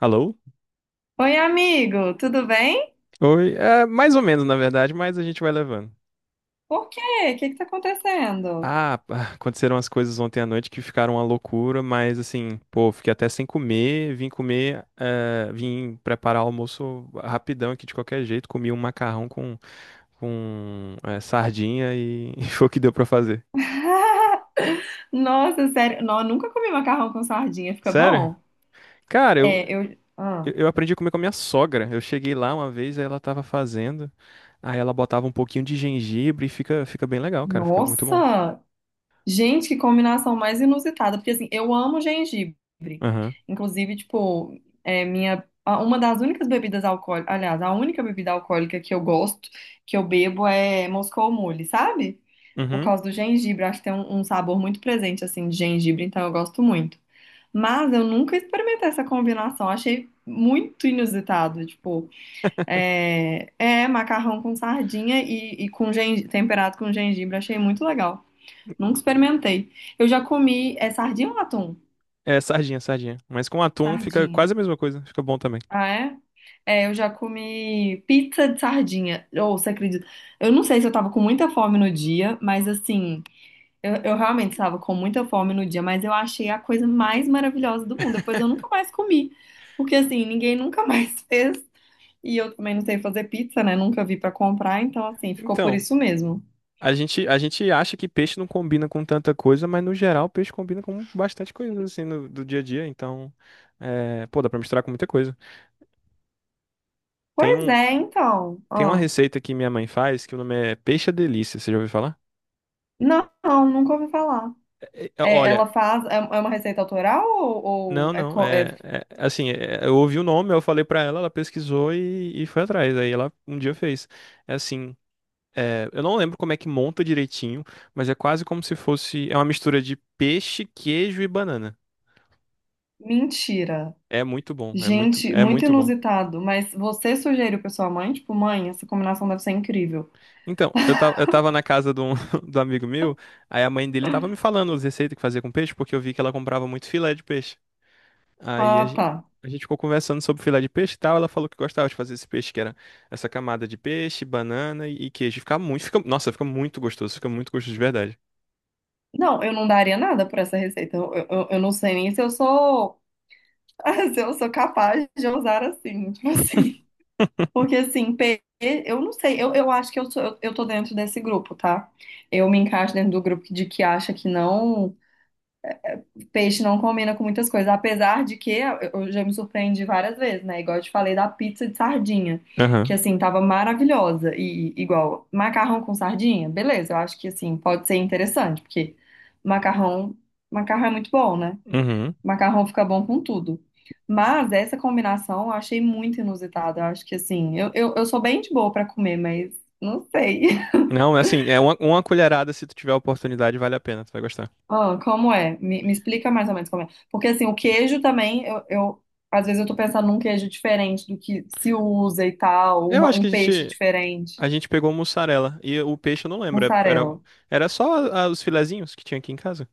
Alô? Oi, amigo, tudo bem? Oi, é mais ou menos na verdade, mas a gente vai levando. Por quê? O que tá acontecendo? Ah, pá, aconteceram as coisas ontem à noite que ficaram uma loucura, mas assim, pô, fiquei até sem comer, vim comer, vim preparar o almoço rapidão aqui de qualquer jeito, comi um macarrão com, com sardinha e, e foi o que deu pra fazer. Nossa, sério, não, eu nunca comi macarrão com sardinha, fica Sério? bom? Cara, eu, É, eu... eu eu aprendi a comer com a minha sogra. Eu cheguei lá uma vez, aí ela tava fazendo, aí ela botava um pouquinho de gengibre e fica, fica bem legal, cara, fica muito bom. Nossa! Gente, que combinação mais inusitada, porque assim, eu amo gengibre. Aham. Inclusive, tipo, é uma das únicas bebidas alcoólicas, aliás, a única bebida alcoólica que eu gosto, que eu bebo é Moscou Mule, sabe? Por Uhum. causa do gengibre, acho que tem um sabor muito presente assim de gengibre, então eu gosto muito. Mas eu nunca experimentei essa combinação, achei muito inusitado, tipo, é macarrão com sardinha e com temperado com gengibre, achei muito legal. Nunca experimentei. Eu já comi. É sardinha ou atum? É, sardinha, sardinha. Mas com atum fica Sardinha. quase a mesma coisa, fica bom também. Ah, é? É, eu já comi pizza de sardinha. Ou, você acredita? Eu não sei se eu tava com muita fome no dia, mas assim, eu realmente estava com muita fome no dia, mas eu achei a coisa mais maravilhosa do mundo. Depois eu nunca mais comi. Porque assim, ninguém nunca mais fez. E eu também não sei fazer pizza, né? Nunca vi pra comprar, então assim, ficou por Então, isso mesmo. a gente acha que peixe não combina com tanta coisa, mas no geral peixe combina com bastante coisa, assim, do dia a dia. Então, é, pô, dá pra misturar com muita coisa. Tem Pois um, é, então. tem uma Ó. receita que minha mãe faz, que o nome é Peixe à Delícia, você já ouviu falar? Não, não, nunca ouvi falar. É, é, É, olha, ela faz. É uma receita autoral ou, ou não, é, não, co- é- é, é, assim, é, eu ouvi o nome, eu falei pra ela, ela pesquisou e foi atrás. Aí ela um dia fez. É assim. É, eu não lembro como é que monta direitinho, mas é quase como se fosse. É uma mistura de peixe, queijo e banana. Mentira. É muito bom, é muito, Gente, é muito muito bom. inusitado. Mas você sugeriu pra sua mãe? Tipo, mãe, essa combinação deve ser incrível. Então, eu tava na casa de um, do amigo meu, aí a mãe dele tava me falando as receitas que fazia com peixe, porque eu vi que ela comprava muito filé de peixe. Aí a Ah, gente, tá. a gente ficou conversando sobre filé de peixe e tal, ela falou que gostava de fazer esse peixe, que era essa camada de peixe, banana e queijo. Fica muito, fica, nossa, fica muito gostoso de verdade. Não, eu não daria nada por essa receita. Eu não sei nem se eu sou. Se eu sou capaz de usar assim. Tipo assim. Porque assim, eu não sei. Eu acho que eu tô dentro desse grupo, tá? Eu me encaixo dentro do grupo de que acha que não. Peixe não combina com muitas coisas, apesar de que eu já me surpreendi várias vezes, né? Igual eu te falei da pizza de sardinha, que Aham. assim tava maravilhosa e igual macarrão com sardinha, beleza? Eu acho que assim pode ser interessante, porque macarrão, macarrão é muito bom, né? Uhum. Macarrão fica bom com tudo. Mas essa combinação eu achei muito inusitada. Eu acho que assim, eu sou bem de boa pra comer, mas não sei. Não, é assim, é uma colherada, se tu tiver a oportunidade, vale a pena, tu vai gostar. Ah, como é? Me explica mais ou menos como é. Porque assim, o queijo também, às vezes eu tô pensando num queijo diferente do que se usa e tal, Eu acho que um a peixe gente, diferente, a gente pegou mussarela e o peixe eu não lembro, é- era, mussarela. era só os filezinhos que tinha aqui em casa.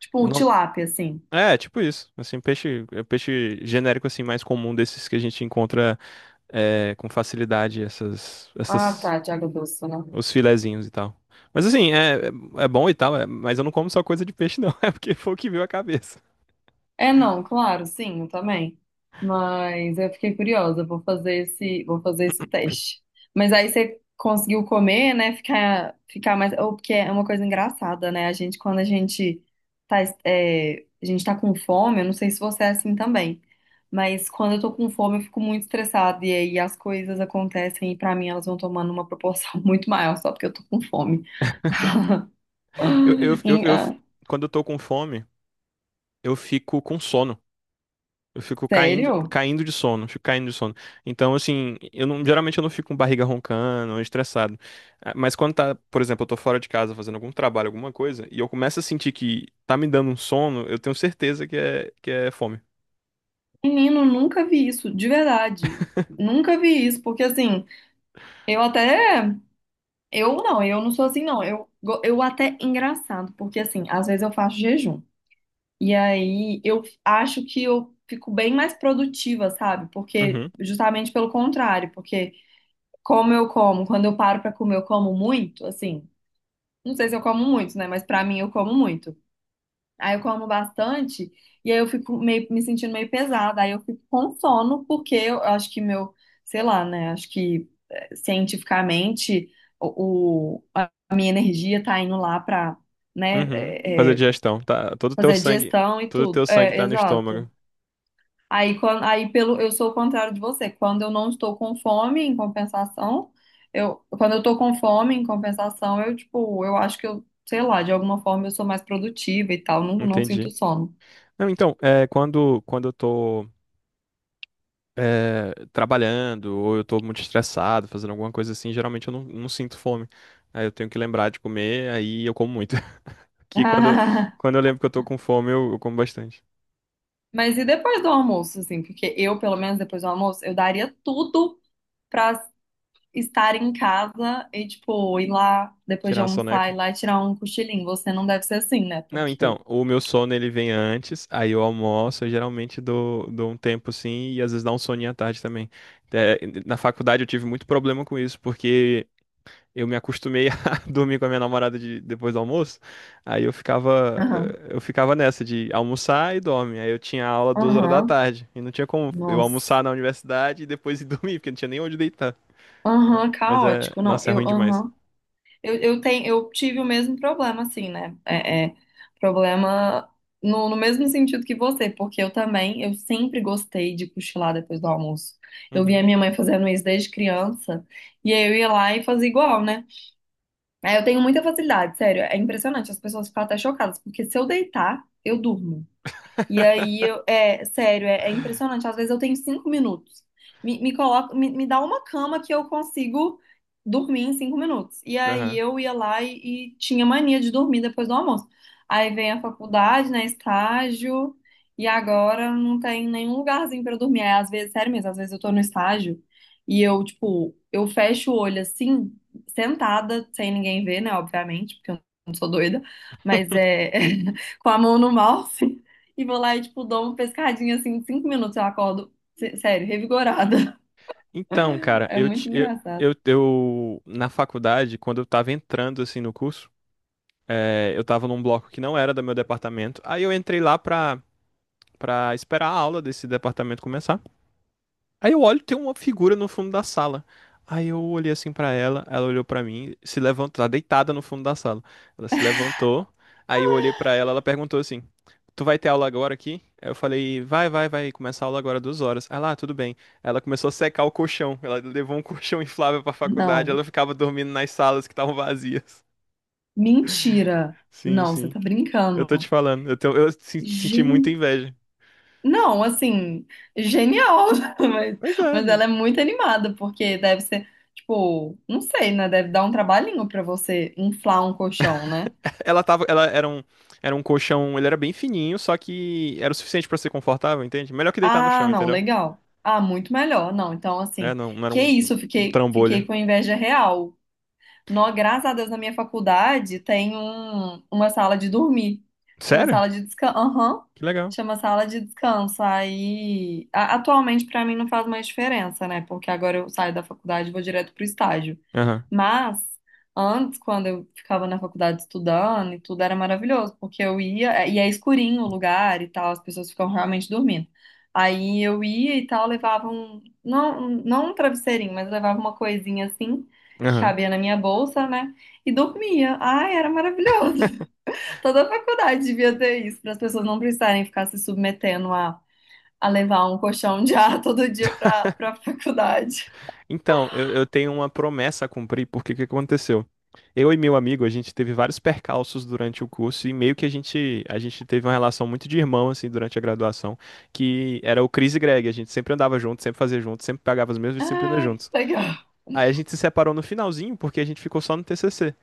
Tipo Eu o não, tilápia, assim. é, tipo isso, assim, peixe, é peixe genérico assim mais comum desses que a gente encontra é, com facilidade, essas, Ah, essas, tá, de água doce, né? os filezinhos e tal. Mas assim, é, é bom e tal, é, mas eu não como só coisa de peixe não, é porque foi o que veio a cabeça. É, não, claro, sim, eu também. Mas eu fiquei curiosa, vou fazer esse teste. Mas aí você conseguiu comer, né? Ficar mais. Ou porque é uma coisa engraçada, né? A gente, quando a gente a gente tá com fome, eu não sei se você é assim também. Mas quando eu tô com fome, eu fico muito estressada. E aí as coisas acontecem e pra mim elas vão tomando uma proporção muito maior, só porque eu tô com fome. Eu, eu, eu, Em- eu, ah, Quando eu tô com fome, eu fico com sono. Eu fico caindo, Sério? caindo de sono, fico caindo de sono. Então, assim, eu não, geralmente eu não fico com barriga roncando, estressado. Ah, mas quando tá, por exemplo, eu tô fora de casa fazendo algum trabalho, alguma coisa, e eu começo a sentir que tá me dando um sono, eu tenho certeza que é fome. Menino, nunca vi isso, de verdade. Nunca vi isso, porque assim, eu até. Eu não sou assim, não. Eu até engraçado, porque assim, às vezes eu faço jejum. E aí eu acho que eu fico bem mais produtiva, sabe? Porque, Uhum, justamente pelo contrário, porque como eu como, quando eu paro pra comer, eu como muito, assim. Não sei se eu como muito, né? Mas pra mim eu como muito. Aí eu como bastante e aí eu fico meio, me sentindo meio pesada. Aí eu fico com sono porque eu acho que meu, sei lá, né? Acho que cientificamente a minha energia tá indo lá pra, né, uhum. eh, Fazer eh, digestão, tá? Todo teu fazer sangue, digestão e todo tudo. teu sangue É, tá no exato. estômago. Aí, quando, aí pelo, eu sou o contrário de você. Quando eu não estou com fome, em compensação, quando eu tô com fome, em compensação, eu, tipo, eu acho que eu, sei lá, de alguma forma eu sou mais produtiva e tal, não sinto Entendi. sono. Não, então, é, quando eu tô é, trabalhando, ou eu tô muito estressado, fazendo alguma coisa assim, geralmente eu não, não sinto fome. Aí eu tenho que lembrar de comer, aí eu como muito. Que quando, Ah, quando eu lembro que eu tô com fome, eu como bastante. mas e depois do almoço, assim? Porque eu, pelo menos depois do almoço, eu daria tudo pra estar em casa e, tipo, ir lá depois Tirar de uma almoçar, soneca. ir lá e tirar um cochilinho. Você não deve ser assim, né? Não, Porque. então, o meu sono ele vem antes, aí eu almoço, eu geralmente dou, dou um tempo assim, e às vezes dá um soninho à tarde também. É, na faculdade eu tive muito problema com isso, porque eu me acostumei a dormir com a minha namorada depois do almoço. Aí eu ficava, Aham. eh, eu ficava nessa de almoçar e dorme. Aí eu tinha aula 2 horas da Aham. tarde. E não tinha como eu Nossa. almoçar na universidade e depois ir dormir, porque não tinha nem onde deitar. Aham, Mas é, caótico. Não, nossa, é eu. ruim demais. Aham. Eu tive o mesmo problema, assim, né? Problema no, no mesmo sentido que você, porque eu também, eu sempre gostei de cochilar depois do almoço. Eu via Uhum. minha mãe fazendo isso desde criança, e aí eu ia lá e fazia igual, né? Aí eu tenho muita facilidade, sério, é impressionante, as pessoas ficam até chocadas, porque se eu deitar, eu durmo. E aí, é sério, é impressionante. Às vezes eu tenho cinco minutos. Me dá uma cama que eu consigo dormir em cinco minutos. E aí Aham. eu ia lá e tinha mania de dormir depois do almoço. Aí vem a faculdade, né, estágio, e agora não tem nenhum lugarzinho para eu dormir. Aí, às vezes, sério mesmo, às vezes eu tô no estágio e eu, tipo, eu fecho o olho assim, sentada, sem ninguém ver, né, obviamente, porque eu não sou doida, mas é com a mão no mouse. E vou lá e, tipo, dou uma pescadinha assim, em cinco minutos eu acordo, sério, revigorada. Então, cara, É eu, muito ti- engraçado. Eu- na faculdade, quando eu tava entrando assim no curso, eu tava num bloco que não era do meu departamento. Aí eu entrei lá pra, pra esperar a aula desse departamento começar. Aí eu olho, tem uma figura no fundo da sala. Aí eu olhei assim pra ela, ela olhou pra mim, se levantou, tá deitada no fundo da sala. Ela se levantou, aí eu olhei pra ela, ela perguntou assim: Tu vai ter aula agora aqui? Aí eu falei: Vai, vai, vai, começar a aula agora 2 horas. Ela, ah, tudo bem. Ela começou a secar o colchão, ela levou um colchão inflável pra faculdade, Não, ela ficava dormindo nas salas que estavam vazias. mentira. Sim, Não, você sim. tá Eu tô te brincando. falando, eu, tenho- eu se- senti muita Gente. inveja. Não, assim, genial, mas, Pois é. mas ela é muito animada, porque deve ser, tipo, não sei, né? Deve dar um trabalhinho pra você inflar um colchão, né? Ela tava, ela era um colchão, ele era bem fininho, só que era o suficiente pra ser confortável, entende? Melhor que deitar no Ah, chão, não, entendeu? legal. Ah, muito melhor. Não, então, É, assim, não, não era que um, isso, um um fiquei trambolho. com inveja real. Nó, graças a Deus, na minha faculdade tem uma sala de dormir. Chama Sério? sala de descanso. Aham. Que legal. Chama sala de descanso. Aí, atualmente pra mim não faz mais diferença, né? Porque agora eu saio da faculdade e vou direto pro estágio. Aham, Mas antes, quando eu ficava na faculdade estudando e tudo, era maravilhoso, porque eu e é escurinho o lugar e tal, as pessoas ficam realmente dormindo. Aí eu ia e tal, levava um, não, não um travesseirinho, mas levava uma coisinha assim que aham. cabia na minha bolsa, né? E dormia. Ai, era maravilhoso. Toda a faculdade devia ter isso, para as pessoas não precisarem ficar se submetendo a levar um colchão de ar todo dia para para faculdade. Então, eu tenho uma promessa a cumprir, porque o que aconteceu? Eu e meu amigo, a gente teve vários percalços durante o curso e meio que a gente teve uma relação muito de irmão, assim, durante a graduação, que era o Chris e Greg. A gente sempre andava junto, sempre fazia junto, sempre pagava as mesmas disciplinas Ah, juntos. que legal. Aí a gente se separou no finalzinho, porque a gente ficou só no TCC.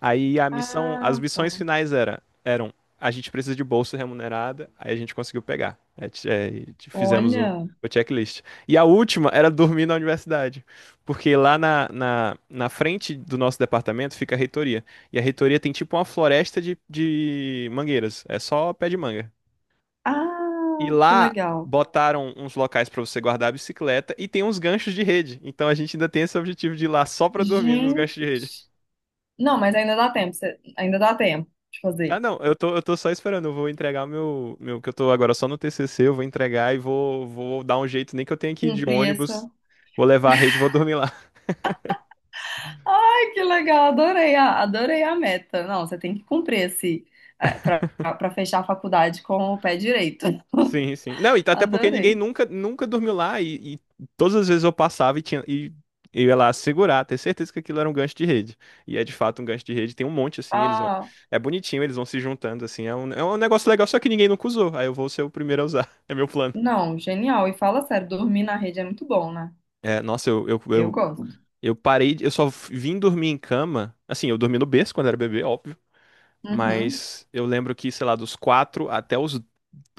Aí as Ah, tá. missões finais era, a gente precisa de bolsa remunerada, aí a gente conseguiu pegar. É, é, fizemos o, Olha. o checklist. E a última era dormir na universidade, porque lá na, na frente do nosso departamento fica a reitoria. E a reitoria tem tipo uma floresta de mangueiras, é só pé de manga. E Ah, que lá legal. botaram uns locais pra você guardar a bicicleta e tem uns ganchos de rede. Então a gente ainda tem esse objetivo de ir lá só pra dormir nos Gente. ganchos de rede. Não, mas ainda dá tempo. Ainda dá tempo de Ah, fazer. não, eu tô só esperando, eu vou entregar que eu tô agora só no TCC, eu vou entregar e vou dar um jeito, nem que eu tenha que ir de Cumprir ônibus, essa. vou levar a rede e vou dormir lá. Ai, que legal, adorei a meta. Não, você tem que cumprir esse é, para fechar a faculdade com o pé direito. Sim, sim. Não, e até porque ninguém Adorei. nunca, nunca dormiu lá e todas as vezes eu passava e tinha, e eu ia lá segurar, ter certeza que aquilo era um gancho de rede. E é de fato um gancho de rede, tem um monte assim, eles vão, Ah, é bonitinho, eles vão se juntando assim, é um negócio legal, só que ninguém nunca usou, aí eu vou ser o primeiro a usar, é meu plano. não, genial. E fala sério, dormir na rede é muito bom, né? É, nossa, Eu gosto. Eu parei, eu só vim dormir em cama. Assim, eu dormi no berço quando era bebê, óbvio. Uhum. Mas eu lembro que, sei lá, dos 4 até os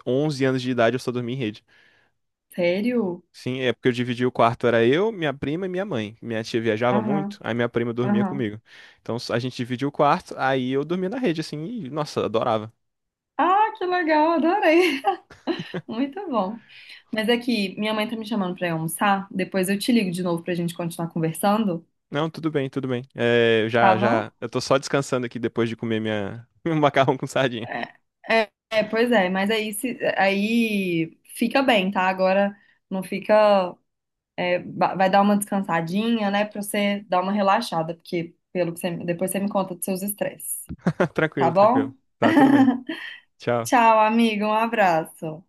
11 anos de idade eu só dormi em rede. Sério? Sim, é porque eu dividi o quarto, era eu, minha prima e minha mãe. Minha tia viajava Aham, muito, aí minha prima dormia aham. comigo. Então a gente dividia o quarto, aí eu dormia na rede, assim, e, nossa, adorava. Ah, que legal, adorei. Muito bom. Mas é que minha mãe tá me chamando pra ir almoçar. Depois eu te ligo de novo pra gente continuar conversando, Não, tudo bem, tudo bem. É, eu tá já, bom? já, eu tô só descansando aqui depois de comer minha, meu macarrão com sardinha. É, pois é, mas aí, se, aí fica bem, tá? Agora não fica. Vai dar uma descansadinha, né? Pra você dar uma relaxada, porque pelo que você, depois você me conta dos seus estresses, tá Tranquilo, bom? tranquilo. Tá, tudo bem. Tchau. Tchau, amiga, um abraço.